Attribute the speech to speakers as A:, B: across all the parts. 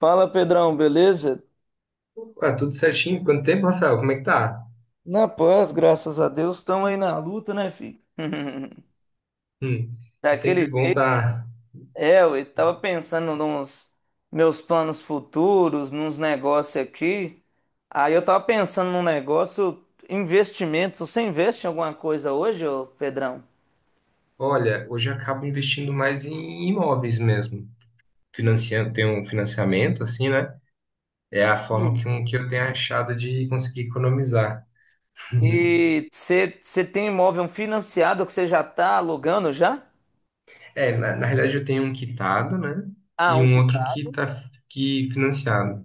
A: Fala, Pedrão, beleza?
B: Ué, tudo certinho? Quanto tempo, Rafael? Como é que tá?
A: Na paz, graças a Deus, estamos aí na luta, né, filho?
B: Hum. É
A: Daquele
B: sempre bom
A: jeito.
B: tá.
A: É, eu tava pensando nos meus planos futuros, nos negócios aqui. Aí eu tava pensando num negócio, investimentos. Você investe em alguma coisa hoje, ô Pedrão?
B: Olha, hoje eu acabo investindo mais em imóveis mesmo. Financiando, tem um financiamento, assim, né? É a forma que,
A: Sim.
B: que eu tenho achado de conseguir economizar.
A: E você tem imóvel financiado que você já tá alugando já?
B: É, na realidade eu tenho um quitado, né?
A: Ah,
B: E
A: um
B: um outro
A: quitado.
B: que tá que financiado.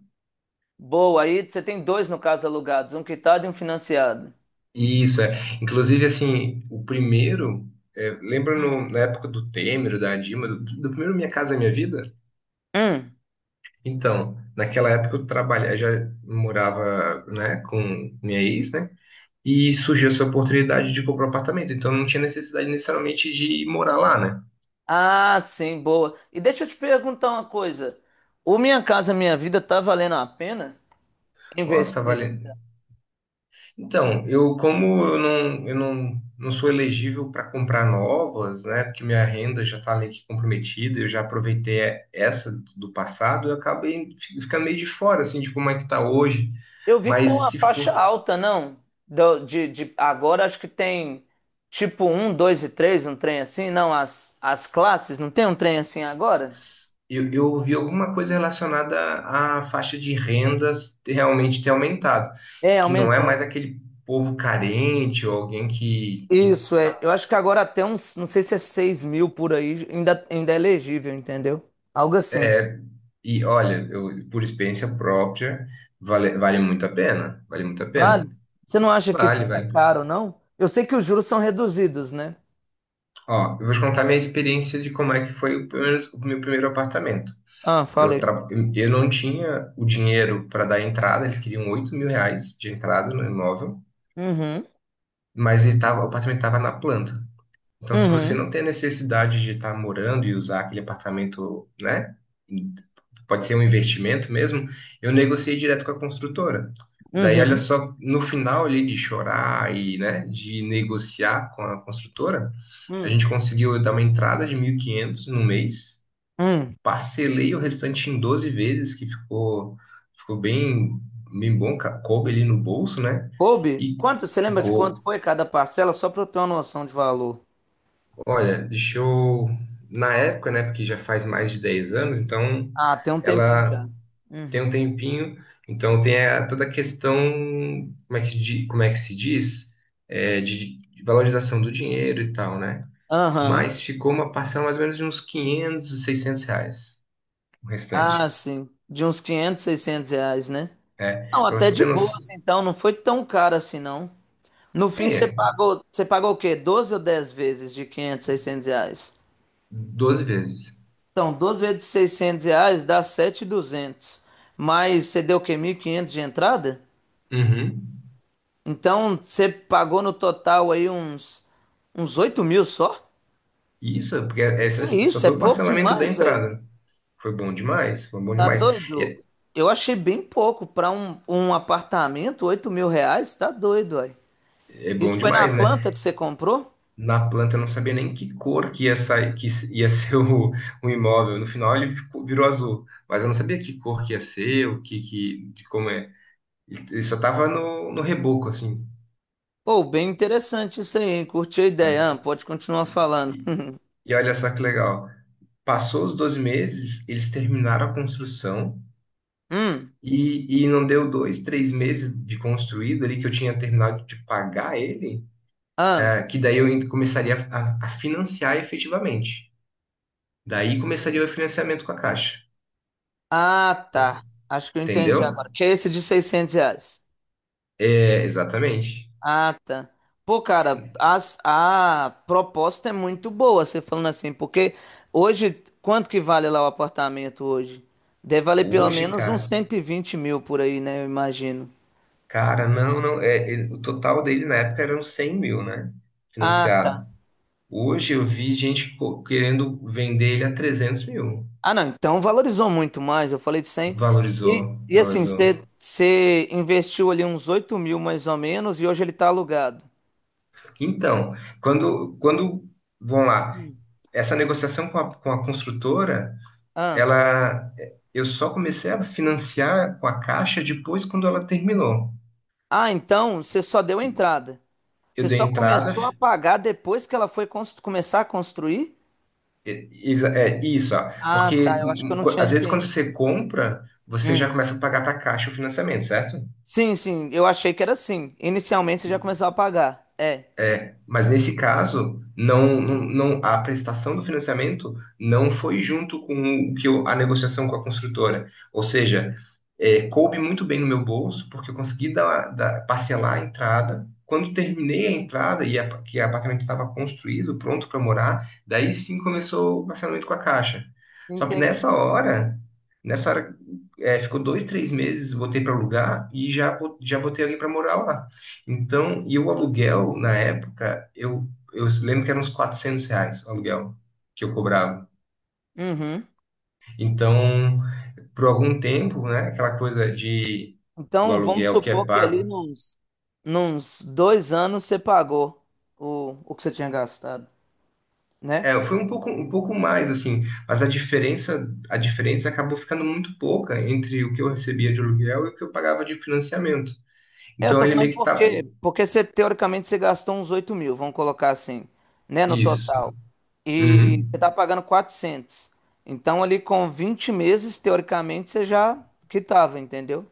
A: Boa, aí você tem dois no caso alugados, um quitado e um financiado.
B: E isso é. Inclusive, assim, o primeiro, lembra
A: Ah, é.
B: na época do Temer, da Dilma, do primeiro Minha Casa Minha Vida?
A: Hum.
B: Então, naquela época eu trabalhava, já morava, né, com minha ex, né? E surgiu essa oportunidade de comprar um apartamento, então não tinha necessidade necessariamente de morar lá, né?
A: Ah, sim, boa. E deixa eu te perguntar uma coisa. O Minha Casa Minha Vida tá valendo a pena
B: Nossa, tá
A: investir
B: valendo.
A: ainda?
B: Então, eu como eu não, não sou elegível para comprar novas, né? Porque minha renda já tá meio que comprometida, eu já aproveitei essa do passado, eu acabei ficando meio de fora, assim, de como é que tá hoje.
A: Eu vi que tá
B: Mas
A: uma
B: se
A: faixa
B: for.
A: alta, não? Agora acho que tem tipo um, dois e três, um trem assim, não? As classes, não tem um trem assim agora?
B: Eu ouvi alguma coisa relacionada à faixa de rendas realmente ter aumentado,
A: É,
B: que não é mais
A: aumentou.
B: aquele povo carente ou alguém que,
A: Isso, é.
B: tá.
A: Eu acho que agora até uns, não sei se é 6 mil por aí, ainda é elegível, entendeu? Algo assim.
B: É, e olha, eu, por experiência própria, vale, vale muito a pena, vale muito a pena.
A: Vale? Você não acha que
B: Vale,
A: fica
B: vale.
A: caro, não? Eu sei que os juros são reduzidos, né?
B: Ó, eu vou te contar minha experiência de como é que foi o meu primeiro apartamento.
A: Ah,
B: Eu,
A: falei.
B: tra- eu não tinha o dinheiro para dar entrada, eles queriam R$ 8.000 de entrada no imóvel.
A: Uhum,
B: Mas ele tava, o apartamento estava na planta. Então, se você
A: uhum,
B: não tem a necessidade de estar morando e usar aquele apartamento, né? Pode ser um investimento mesmo, eu negociei direto com a construtora. Daí, olha
A: uhum,
B: só, no final ali de chorar e, né, de negociar com a construtora, a
A: Hum,
B: gente conseguiu dar uma entrada de 1.500 no mês,
A: hum.
B: parcelei o restante em 12 vezes, que ficou bem, bem bom, coube ali no bolso, né?
A: Coube,
B: E
A: quanto, você lembra de quanto
B: co-
A: foi cada parcela? Só para eu ter uma noção de valor.
B: Olha, deixa eu. Na época, né? Porque já faz mais de 10 anos, então
A: Ah, tem um tempinho já.
B: ela tem um
A: Uhum.
B: tempinho, então tem toda a questão, como é que, como é que se diz? É, de valorização do dinheiro e tal, né?
A: Aham.
B: Mas ficou uma parcela mais ou menos de uns 500 e 600 reais, o
A: Ah,
B: restante.
A: sim. De uns 500, 600 reais, né?
B: É,
A: Não,
B: para
A: até
B: você
A: de
B: ter
A: boa,
B: noção,
A: assim, então. Não foi tão caro assim, não. No fim, você
B: é,
A: pagou, você pagou o quê? 12 ou 10 vezes de 500, 600 reais?
B: 12 vezes.
A: Então, 12 vezes 600 reais dá 7.200. Mas você deu o quê? 1.500 de entrada?
B: Uhum.
A: Então você pagou no total aí uns 8 mil só?
B: Isso, porque
A: Que
B: essa só
A: isso, é
B: foi o
A: pouco
B: parcelamento da
A: demais, velho.
B: entrada. Foi bom demais, foi bom
A: Tá
B: demais. E
A: doido?
B: é
A: Eu achei bem pouco para um apartamento, 8 mil reais, tá doido, velho.
B: é bom
A: Isso foi na
B: demais, né?
A: planta que você comprou?
B: Na planta, eu não sabia nem que cor que ia sair, que ia ser o imóvel. No final ele virou azul, mas eu não sabia que cor que ia ser, o que, que de como é. Ele só tava no reboco, assim,
A: Pô, bem interessante isso aí, hein? Curti a ideia, ah,
B: né?
A: pode continuar
B: E,
A: falando.
B: e- e olha só que legal. Passou os 12 meses, eles terminaram a construção
A: Hum,
B: e não deu 2, 3 meses de construído ali que eu tinha terminado de pagar ele,
A: ah,
B: que daí eu ainda começaria a financiar efetivamente. Daí começaria o financiamento com a Caixa,
A: ah, tá. Acho que eu entendi
B: entendeu?
A: agora. Que é esse de 600 reais?
B: É, exatamente.
A: Ah, tá. Pô, cara, a proposta é muito boa, você falando assim, porque hoje, quanto que vale lá o apartamento hoje? Deve valer pelo
B: Hoje,
A: menos uns
B: cara,
A: 120 mil por aí, né? Eu imagino.
B: cara, não, não, o total dele na época eram 100 mil, né?
A: Ah,
B: Financiado.
A: tá.
B: Hoje eu vi gente querendo vender ele a 300 mil.
A: Ah, não, então valorizou muito mais, eu falei de 100. E,
B: Valorizou,
A: e assim,
B: valorizou.
A: você investiu ali uns 8 mil mais ou menos e hoje ele tá alugado.
B: Então, quando, vamos lá, essa negociação com a construtora,
A: Ah,
B: ela, eu só comecei a financiar com a Caixa depois quando ela terminou.
A: ah, então você só deu a entrada.
B: Eu
A: Você
B: dei
A: só
B: entrada.
A: começou a pagar depois que ela foi começar a construir?
B: Isso, ó.
A: Ah,
B: Porque
A: tá. Eu acho que eu não tinha
B: às vezes quando você
A: entendido.
B: compra, você já
A: Hum.
B: começa a pagar para a Caixa o financiamento, certo?
A: Sim, sim. Eu achei que era assim. Inicialmente você já começou a pagar. É,
B: Mas nesse caso, não, não, a prestação do financiamento não foi junto com o que a negociação com a construtora. Ou seja, coube muito bem no meu bolso, porque eu consegui parcelar a entrada. Quando terminei a entrada e a, que o apartamento estava construído, pronto para morar, daí sim começou o parcelamento com a Caixa. Só que
A: entendi.
B: nessa hora, ficou 2, 3 meses, botei para alugar e já botei alguém para morar lá. Então, e o aluguel, na época, eu lembro que eram uns R$ 400 o aluguel que eu cobrava.
A: Uhum.
B: Então, por algum tempo, né, aquela coisa de o
A: Então, vamos
B: aluguel que é
A: supor que ali
B: pago,
A: nos 2 anos você pagou o que você tinha gastado, né?
B: foi um pouco mais, assim, mas a diferença acabou ficando muito pouca entre o que eu recebia de aluguel e o que eu pagava de financiamento.
A: É, eu
B: Então,
A: tô
B: ele
A: falando
B: meio que tá.
A: porque, você, teoricamente, você gastou uns 8 mil, vamos colocar assim, né, no
B: Isso.
A: total. E
B: Uhum.
A: você tá pagando 400. Então, ali com 20 meses, teoricamente, você já quitava, entendeu?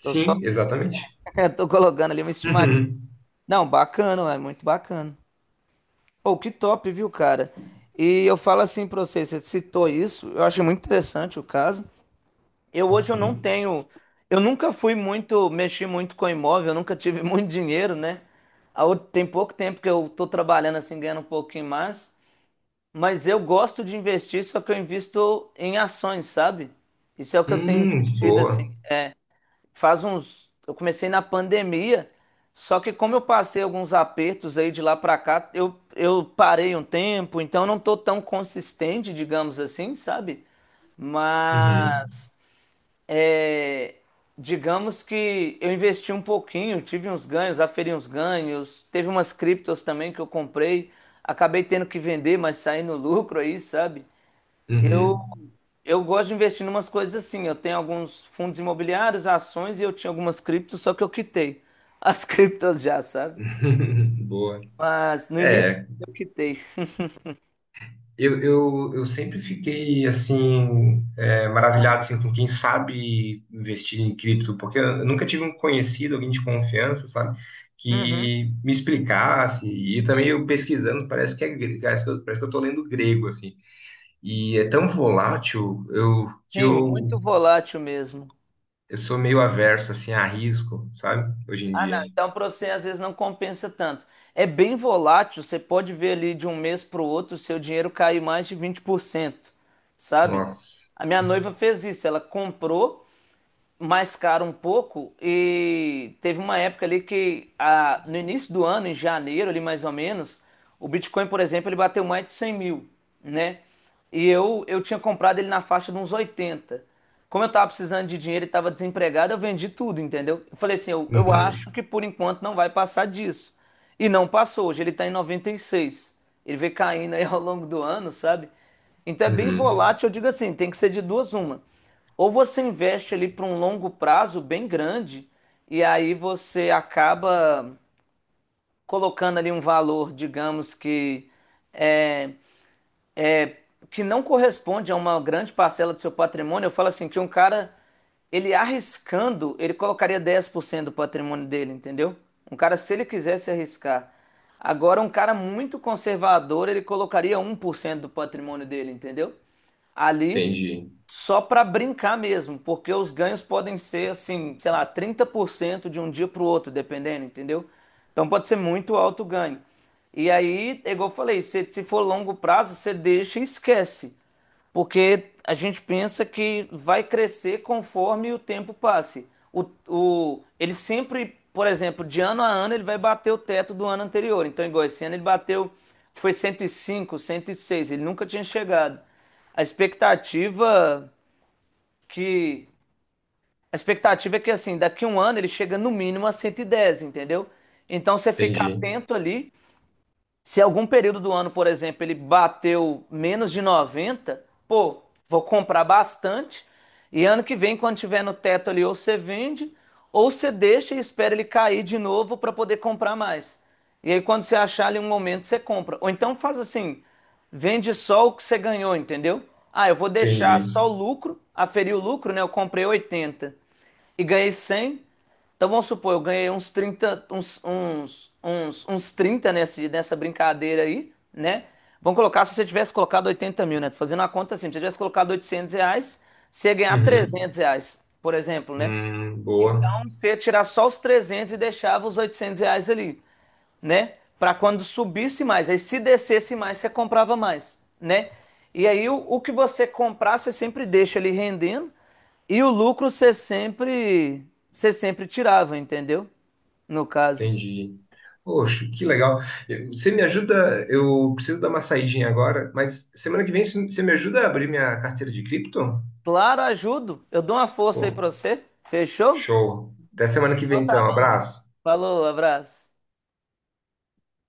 A: Tô só
B: Sim, exatamente.
A: Eu tô colocando ali uma estimativa.
B: Uhum.
A: Não, bacana, é muito bacana. Pô, que top, viu, cara? E eu falo assim pra você, você citou isso, eu achei muito interessante o caso. Eu hoje eu não tenho, eu nunca fui muito, mexi muito com imóvel, eu nunca tive muito dinheiro, né? A outra- tem pouco tempo que eu tô trabalhando assim, ganhando um pouquinho mais, mas eu gosto de investir, só que eu invisto em ações, sabe? Isso é o que eu tenho investido
B: Boa.
A: assim. Faz uns. Eu comecei na pandemia, só que como eu passei alguns apertos aí de lá pra cá, eu parei um tempo, então eu não tô tão consistente, digamos assim, sabe?
B: Uhum.
A: Mas, é, digamos que eu investi um pouquinho, tive uns ganhos, aferi uns ganhos, teve umas criptos também que eu comprei, acabei tendo que vender, mas saí no lucro aí, sabe?
B: Uhum.
A: Eu gosto de investir em umas coisas assim. Eu tenho alguns fundos imobiliários, ações e eu tinha algumas criptos, só que eu quitei as criptos já, sabe?
B: Boa.
A: Mas no início
B: É,
A: eu quitei.
B: eu sempre fiquei assim
A: Ah,
B: maravilhado assim, com quem sabe investir em cripto, porque eu nunca tive um conhecido, alguém de confiança, sabe,
A: uhum.
B: que me explicasse. E também eu pesquisando, parece que parece que eu tô lendo grego, assim. E é tão volátil que
A: Sim, muito
B: eu,
A: volátil mesmo.
B: eu sou meio averso assim, a risco, sabe, hoje em
A: Ah, não.
B: dia.
A: Então para você às vezes não compensa tanto. É bem volátil, você pode ver ali de um mês para o outro o seu dinheiro cair mais de 20%, sabe?
B: Nossa.
A: A minha noiva fez isso, ela comprou mais caro um pouco e teve uma época ali que no início do ano, em janeiro ali mais ou menos, o Bitcoin, por exemplo, ele bateu mais de 100 mil, né? E eu tinha comprado ele na faixa de uns 80. Como eu tava precisando de dinheiro e tava desempregado, eu vendi tudo, entendeu? Eu falei assim, eu
B: Uhum,
A: acho que por enquanto não vai passar disso. E não passou, hoje ele tá em 96. Ele vem caindo aí ao longo do ano, sabe? Então é bem
B: uhum.
A: volátil, eu digo assim, tem que ser de duas uma. Ou você investe ali para um longo prazo bem grande e aí você acaba colocando ali um valor, digamos que é, é, que não corresponde a uma grande parcela do seu patrimônio. Eu falo assim que um cara ele arriscando, ele colocaria 10% do patrimônio dele, entendeu? Um cara se ele quisesse arriscar. Agora um cara muito conservador, ele colocaria 1% do patrimônio dele, entendeu? Ali
B: Entendi,
A: só para brincar mesmo, porque os ganhos podem ser assim, sei lá, 30% de um dia para o outro, dependendo, entendeu? Então pode ser muito alto o ganho. E aí, é igual eu falei, se for longo prazo, você deixa e esquece. Porque a gente pensa que vai crescer conforme o tempo passe. Ele sempre, por exemplo, de ano a ano, ele vai bater o teto do ano anterior. Então, igual esse ano, ele bateu, foi 105 106 ele nunca tinha chegado. A expectativa que. A expectativa é que, assim, daqui a um ano ele chega no mínimo a 110, entendeu? Então, você fica
B: entendi,
A: atento ali se algum período do ano, por exemplo, ele bateu menos de 90, pô, vou comprar bastante. E ano que vem, quando tiver no teto ali, ou você vende, ou você deixa e espera ele cair de novo para poder comprar mais. E aí, quando você achar ali um momento, você compra. Ou então faz assim: vende só o que você ganhou, entendeu? Ah, eu vou
B: entendi.
A: deixar só o lucro, aferir o lucro, né? Eu comprei 80 e ganhei 100. Então vamos supor, eu ganhei uns 30 uns 30 nessa brincadeira aí, né? Vamos colocar, se você tivesse colocado 80 mil, né? Tô fazendo uma conta assim, se você tivesse colocado 800 reais, você ia ganhar
B: Uhum.
A: 300 reais, por exemplo, né?
B: Boa,
A: Então você ia tirar só os 300 e deixava os 800 reais ali, né? Para quando subisse mais. Aí se descesse mais, você comprava mais, né? E aí o que você comprar, você sempre deixa ali rendendo e o lucro você sempre tirava, entendeu? No caso.
B: entendi. Poxa, que legal. Você me ajuda? Eu preciso dar uma saidinha agora, mas semana que vem você me ajuda a abrir minha carteira de cripto?
A: Claro, ajudo. Eu dou uma força aí
B: Pô,
A: para você. Fechou?
B: show. Até semana que vem
A: Então tá
B: então.
A: bom.
B: Abraço.
A: Falou, abraço.